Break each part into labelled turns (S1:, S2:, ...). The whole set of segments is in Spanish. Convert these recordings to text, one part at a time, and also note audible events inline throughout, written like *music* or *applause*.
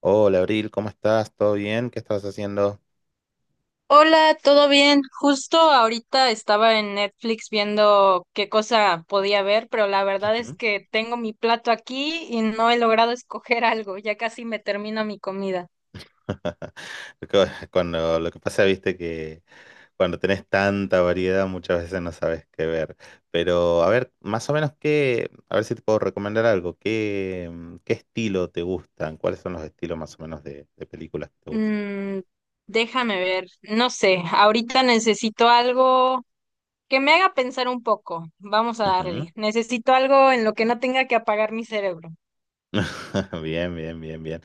S1: Hola, Abril, ¿cómo estás? ¿Todo bien? ¿Qué estás haciendo?
S2: Hola, ¿todo bien? Justo ahorita estaba en Netflix viendo qué cosa podía ver, pero la verdad es
S1: Ujú.
S2: que tengo mi plato aquí y no he logrado *laughs* escoger algo, ya casi me termino mi comida.
S1: *laughs* Co- Cuando lo que pasa, viste que cuando tenés tanta variedad muchas veces no sabes qué ver. Pero a ver, más o menos qué, a ver si te puedo recomendar algo. ¿Qué, qué estilo te gustan? ¿Cuáles son los estilos más o menos de películas que te gustan?
S2: Mm, Déjame ver, no sé, ahorita necesito algo que me haga pensar un poco. Vamos a
S1: Ujú.
S2: darle. Necesito algo en lo que no tenga que apagar mi cerebro.
S1: *laughs* Bien, bien, bien, bien.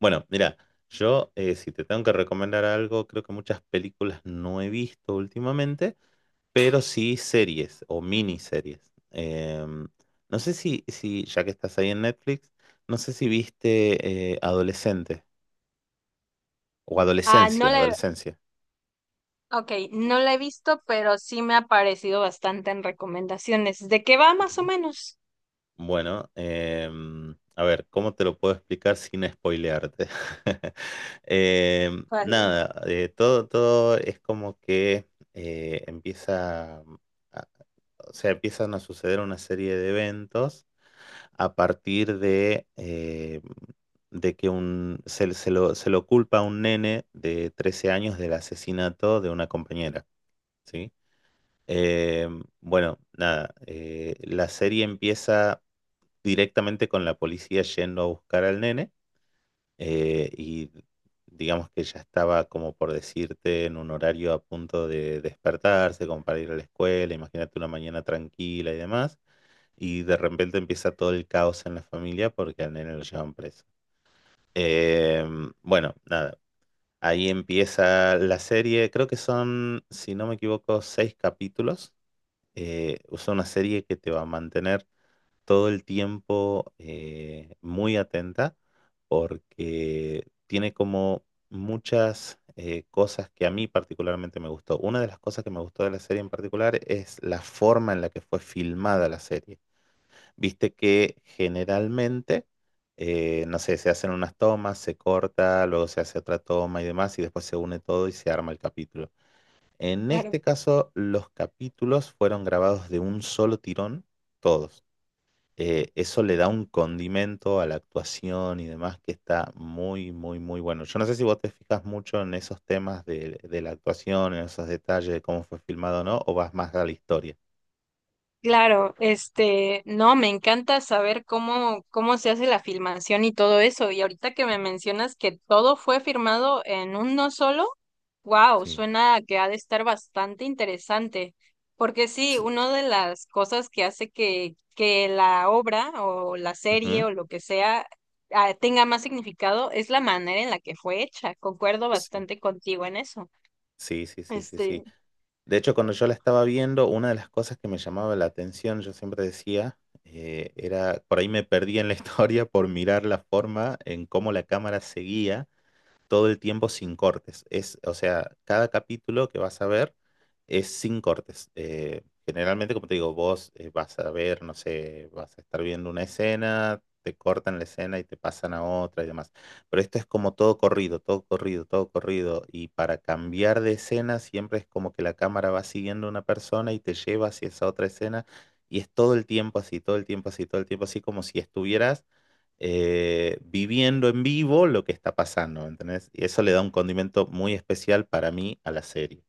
S1: Bueno, mira, yo si te tengo que recomendar algo, creo que muchas películas no he visto últimamente, pero sí series o miniseries. Em, no sé si ya que estás ahí en Netflix, no sé si viste Adolescente o
S2: Ah,
S1: Adolescencia, Adolescencia.
S2: ok, no la he visto, pero sí me ha parecido bastante en recomendaciones. ¿De qué va más o
S1: Ujú.
S2: menos?
S1: Bueno, a ver, ¿cómo te lo puedo explicar sin spoilearte? *laughs*
S2: Vale.
S1: Nada, todo es como que empieza, a- o sea, empiezan a suceder una serie de eventos a partir de que un, se, se lo culpa a un nene de 13 años del asesinato de una compañera, ¿sí? Eh, bueno, nada, la serie empieza directamente con la policía yendo a buscar al nene y digamos que ya estaba como por decirte en un horario a punto de despertarse, como para ir a la escuela, imagínate una mañana tranquila y demás. Y de repente empieza todo el caos en la familia porque al nene lo llevan preso. Bueno, nada, ahí empieza la serie. Creo que son, si no me equivoco, 6 capítulos. Es una serie que te va a mantener todo el tiempo muy atenta porque tiene como muchas cosas que a mí particularmente me gustó. Una de las cosas que me gustó de la serie en particular es la forma en la que fue filmada la serie. Viste que generalmente, no sé, se hacen unas tomas, se corta, luego se hace otra toma y demás, y después se une todo y se arma el capítulo. En
S2: Claro,
S1: este caso, los capítulos fueron grabados de un solo tirón, todos. Eso le da un condimento a la actuación y demás que está muy, muy, muy bueno. Yo no sé si vos te fijas mucho en esos temas de la actuación, en esos detalles de cómo fue filmado o no, o vas más a la historia.
S2: claro, este, no, me encanta saber cómo se hace la filmación y todo eso. Y ahorita que me mencionas que todo fue firmado en uno solo, wow,
S1: Sí.
S2: suena a que ha de estar bastante interesante. Porque sí,
S1: Sí.
S2: una de las cosas que hace que la obra o la serie
S1: Ujú.
S2: o lo que sea tenga más significado es la manera en la que fue hecha. Concuerdo bastante contigo en eso.
S1: Sí, sí, sí, sí, sí,
S2: Este,
S1: sí. De hecho, cuando yo la estaba viendo, una de las cosas que me llamaba la atención, yo siempre decía, era, por ahí me perdí en la *laughs* historia por mirar la forma en cómo la cámara seguía todo el tiempo sin cortes. Es, o sea, cada capítulo que vas a ver es sin cortes. Generalmente, como te digo, vos vas a ver, no sé, vas a estar viendo una escena, te cortan la escena y te pasan a otra y demás. Pero esto es como todo corrido, todo corrido, todo corrido. Y para cambiar de escena siempre es como que la cámara va siguiendo a una persona y te lleva hacia esa otra escena. Y es todo el tiempo así, todo el tiempo así, todo el tiempo así, como si estuvieras viviendo en vivo lo que está pasando, ¿entendés? Y eso le da un condimento muy especial para mí a la serie.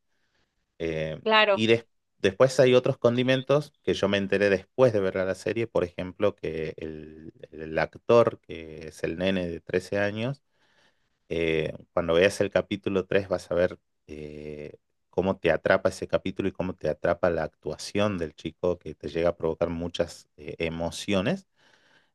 S1: Eh,
S2: claro.
S1: y des- después hay otros condimentos que yo me enteré después de ver la serie, por ejemplo, que el actor, que es el nene de 13 años, cuando veas el capítulo 3 vas a ver eh, cómo te atrapa ese capítulo y cómo te atrapa la actuación del chico, que te llega a provocar muchas emociones.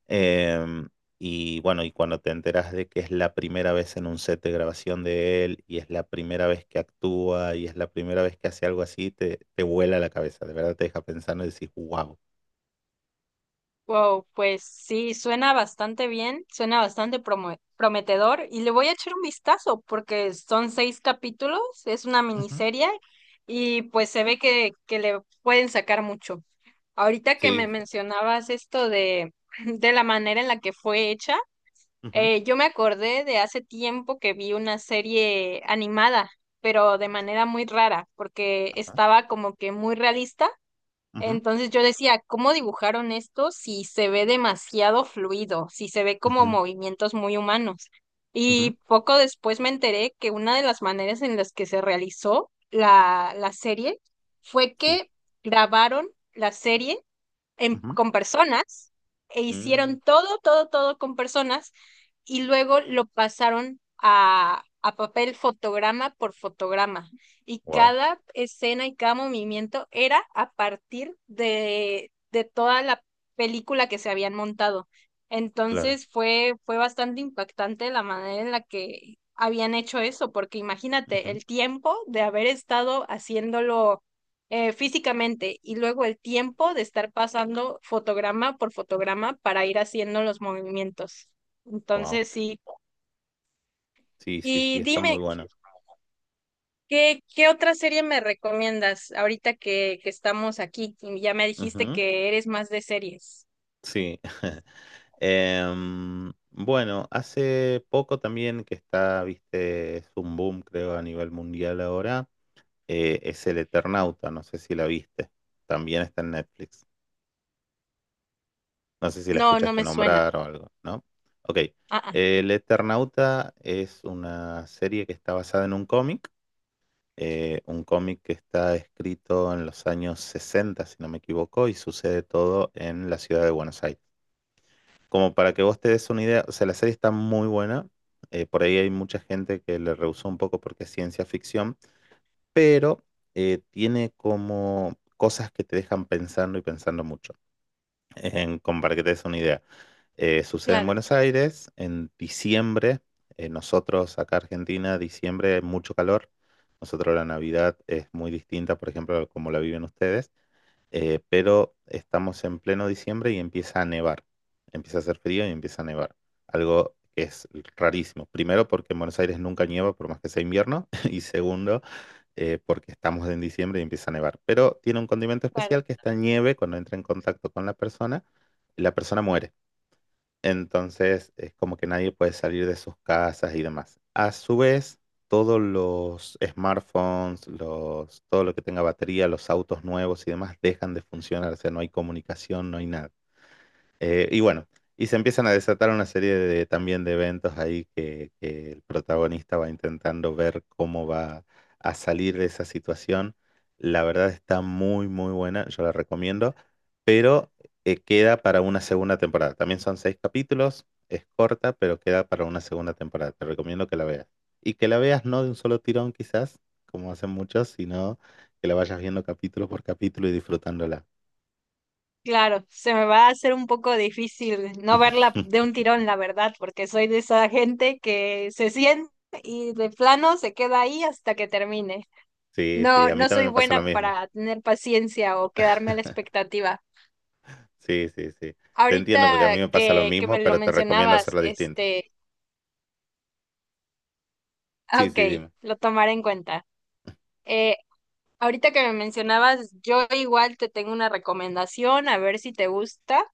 S1: Em, y bueno, y cuando te enteras de que es la primera vez en un set de grabación de él, y es la primera vez que actúa, y es la primera vez que hace algo así, te vuela la cabeza, de verdad te deja pensando y decís, wow.
S2: Wow, pues sí, suena bastante bien, suena bastante prometedor y le voy a echar un vistazo porque son seis capítulos, es una
S1: Ujú.
S2: miniserie y pues se ve que le pueden sacar mucho. Ahorita que me
S1: Sí, sí.
S2: mencionabas esto de, *laughs* de la manera en la que fue hecha,
S1: Ujú.
S2: yo me acordé de hace tiempo que vi una serie animada, pero de manera muy rara porque
S1: Ajá,
S2: estaba como que muy realista.
S1: ujú,
S2: Entonces yo decía, ¿cómo dibujaron esto si se ve demasiado fluido, si se ve como
S1: ujú,
S2: movimientos muy humanos?
S1: ujú,
S2: Y poco después me enteré que una de las maneras en las que se realizó la serie fue
S1: sí.
S2: que grabaron la serie
S1: Ujú.
S2: con personas e
S1: Mm,
S2: hicieron todo, todo, todo con personas y luego lo pasaron a papel fotograma por fotograma. Y
S1: wow,
S2: cada escena y cada movimiento era a partir de toda la película que se habían montado.
S1: claro.
S2: Entonces fue bastante impactante la manera en la que habían hecho eso, porque imagínate
S1: Ujú.
S2: el tiempo de haber estado haciéndolo físicamente y luego el tiempo de estar pasando fotograma por fotograma para ir haciendo los movimientos.
S1: Wow.
S2: Entonces, sí.
S1: Sí, sí, sí,
S2: Y
S1: está
S2: dime,
S1: muy bueno.
S2: ¿qué otra serie me recomiendas ahorita que estamos aquí? Y ya me dijiste
S1: Ujú.
S2: que eres más de series.
S1: Sí. *laughs* Bueno, hace poco también que está, viste, es un boom, creo, a nivel mundial ahora, es El Eternauta, no sé si la viste, también está en Netflix, no sé si la
S2: No, no
S1: escuchaste
S2: me suena.
S1: nombrar o algo, ¿no? Ok,
S2: Ah, ah,
S1: El Eternauta es una serie que está basada en un cómic que está escrito en los años 60 si no me equivoco, y sucede todo en la ciudad de Buenos Aires. Como para que vos te des una idea, o sea, la serie está muy buena. Por ahí hay mucha gente que le rehusó un poco porque es ciencia ficción, pero tiene como cosas que te dejan pensando y pensando mucho. Como para que te des una idea. Sucede en
S2: claro,
S1: Buenos Aires en diciembre. Nosotros acá Argentina, diciembre, mucho calor. Nosotros la Navidad es muy distinta, por ejemplo, a como la viven ustedes, pero estamos en pleno diciembre y empieza a nevar. Empieza a hacer frío y empieza a nevar. Algo que es rarísimo. Primero, porque en Buenos Aires nunca nieva, por más que sea invierno. *laughs* Y segundo, porque estamos en diciembre y empieza a nevar. Pero tiene un condimento
S2: claro,
S1: especial, que esta nieve, cuando entra en contacto con la persona muere. Entonces es como que nadie puede salir de sus casas y demás. A su vez, todos los smartphones, todo lo que tenga batería, los autos nuevos y demás dejan de funcionar. O sea, no hay comunicación, no hay nada. Y bueno, y se empiezan a desatar una serie de, también de eventos ahí que el protagonista va intentando ver cómo va a salir de esa situación. La verdad está muy, muy buena, yo la recomiendo, pero queda para una segunda temporada. También son 6 capítulos, es corta, pero queda para una segunda temporada. Te recomiendo que la veas. Y que la veas no de un solo tirón quizás, como hacen muchos, sino que la vayas viendo capítulo por capítulo y disfrutándola.
S2: claro. Se me va a hacer un poco difícil no verla de un
S1: *laughs*
S2: tirón, la verdad, porque soy de esa gente que se siente y de plano se queda ahí hasta que termine.
S1: Sí, sí,
S2: No,
S1: a mí
S2: no soy
S1: también me pasa lo
S2: buena
S1: mismo.
S2: para tener paciencia o quedarme a la expectativa.
S1: Sí, sí, sí. Te entiendo porque a
S2: Ahorita
S1: mí me pasa lo
S2: que
S1: mismo,
S2: me lo
S1: pero te recomiendo
S2: mencionabas,
S1: hacerla distinta.
S2: este, *laughs* ah,
S1: Sí,
S2: ok,
S1: sí, dime.
S2: lo tomaré en cuenta. Eh, Ahorita que me mencionabas, yo igual te tengo una recomendación, a ver si te gusta,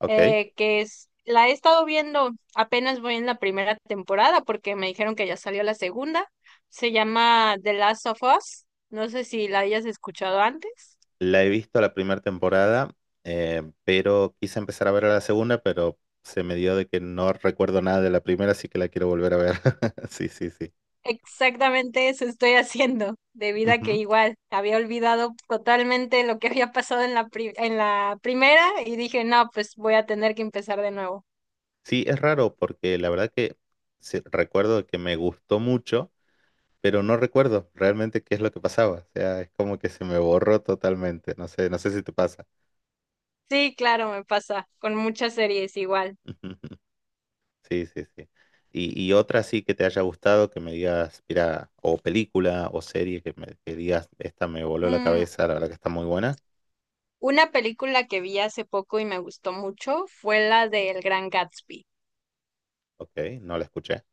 S1: Ok.
S2: que es, la he estado viendo, apenas voy en la primera temporada porque me dijeron que ya salió la segunda. Se llama The Last of Us. No sé si la hayas escuchado antes.
S1: La he visto la primera temporada, pero quise empezar a ver la segunda, pero se me dio de que no recuerdo nada de la primera, así que la quiero volver a ver. *laughs* Sí, sí, sí.
S2: Exactamente eso estoy haciendo, debido a que
S1: Ujú.
S2: igual había olvidado totalmente lo que había pasado en la en la primera y dije, no, pues voy a tener que empezar de nuevo.
S1: Sí, es raro porque la verdad que sí, recuerdo que me gustó mucho, pero no recuerdo realmente qué es lo que pasaba. O sea, es como que se me borró totalmente. No sé, no sé si te pasa.
S2: Sí, claro, me pasa con muchas series igual.
S1: *laughs* Sí, sí, sí. Y otra sí que te haya gustado, que me digas, mira, o película o serie que, que digas, esta me voló la
S2: Mm,
S1: cabeza, la verdad que está muy buena.
S2: Una película que vi hace poco y me gustó mucho fue la de El Gran Gatsby.
S1: Ok, no la escuché.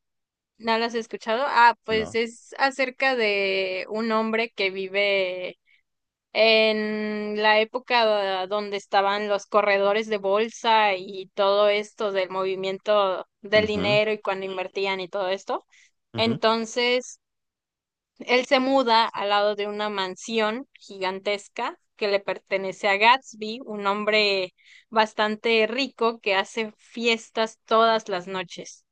S2: ¿No la has escuchado? Ah, pues
S1: No.
S2: es acerca de un hombre que vive en la época donde estaban los corredores de bolsa y todo esto del movimiento del
S1: Ujú,
S2: dinero y cuando invertían y todo esto.
S1: ujú,
S2: Entonces, él se muda al lado de una mansión gigantesca que le pertenece a Gatsby, un hombre bastante rico que hace fiestas todas las noches.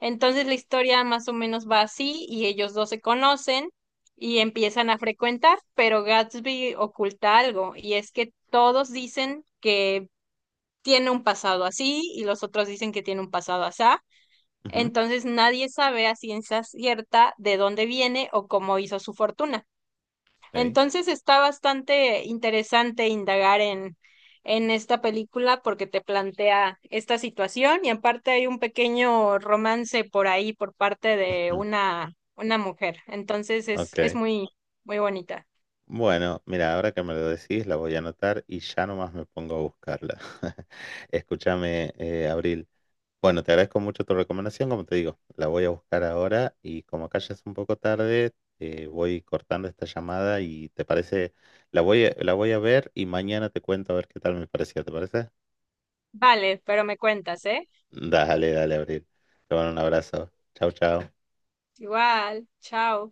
S2: Entonces la historia más o menos va así y ellos dos se conocen y empiezan a frecuentar, pero Gatsby oculta algo y es que todos dicen que tiene un pasado así y los otros dicen que tiene un pasado asá.
S1: ujú,
S2: Entonces nadie sabe a ciencia cierta de dónde viene o cómo hizo su fortuna.
S1: ok,
S2: Entonces está bastante interesante indagar en esta película porque te plantea esta situación y aparte hay un pequeño romance por ahí por parte de
S1: ujú,
S2: una mujer. Entonces es
S1: ok.
S2: muy, muy bonita.
S1: Bueno, mira, ahora que me lo decís, la voy a anotar y ya nomás me pongo a buscarla. *laughs* Escúchame, Abril. Bueno, te agradezco mucho tu recomendación, como te digo, la voy a buscar ahora y como acá ya es un poco tarde, voy cortando esta llamada y te parece, la voy a ver y mañana te cuento a ver qué tal me pareció, ¿te parece?
S2: Vale, pero me cuentas, ¿eh?
S1: Dale, dale, Abril. Te mando un abrazo. Chau, chau.
S2: Igual, chao.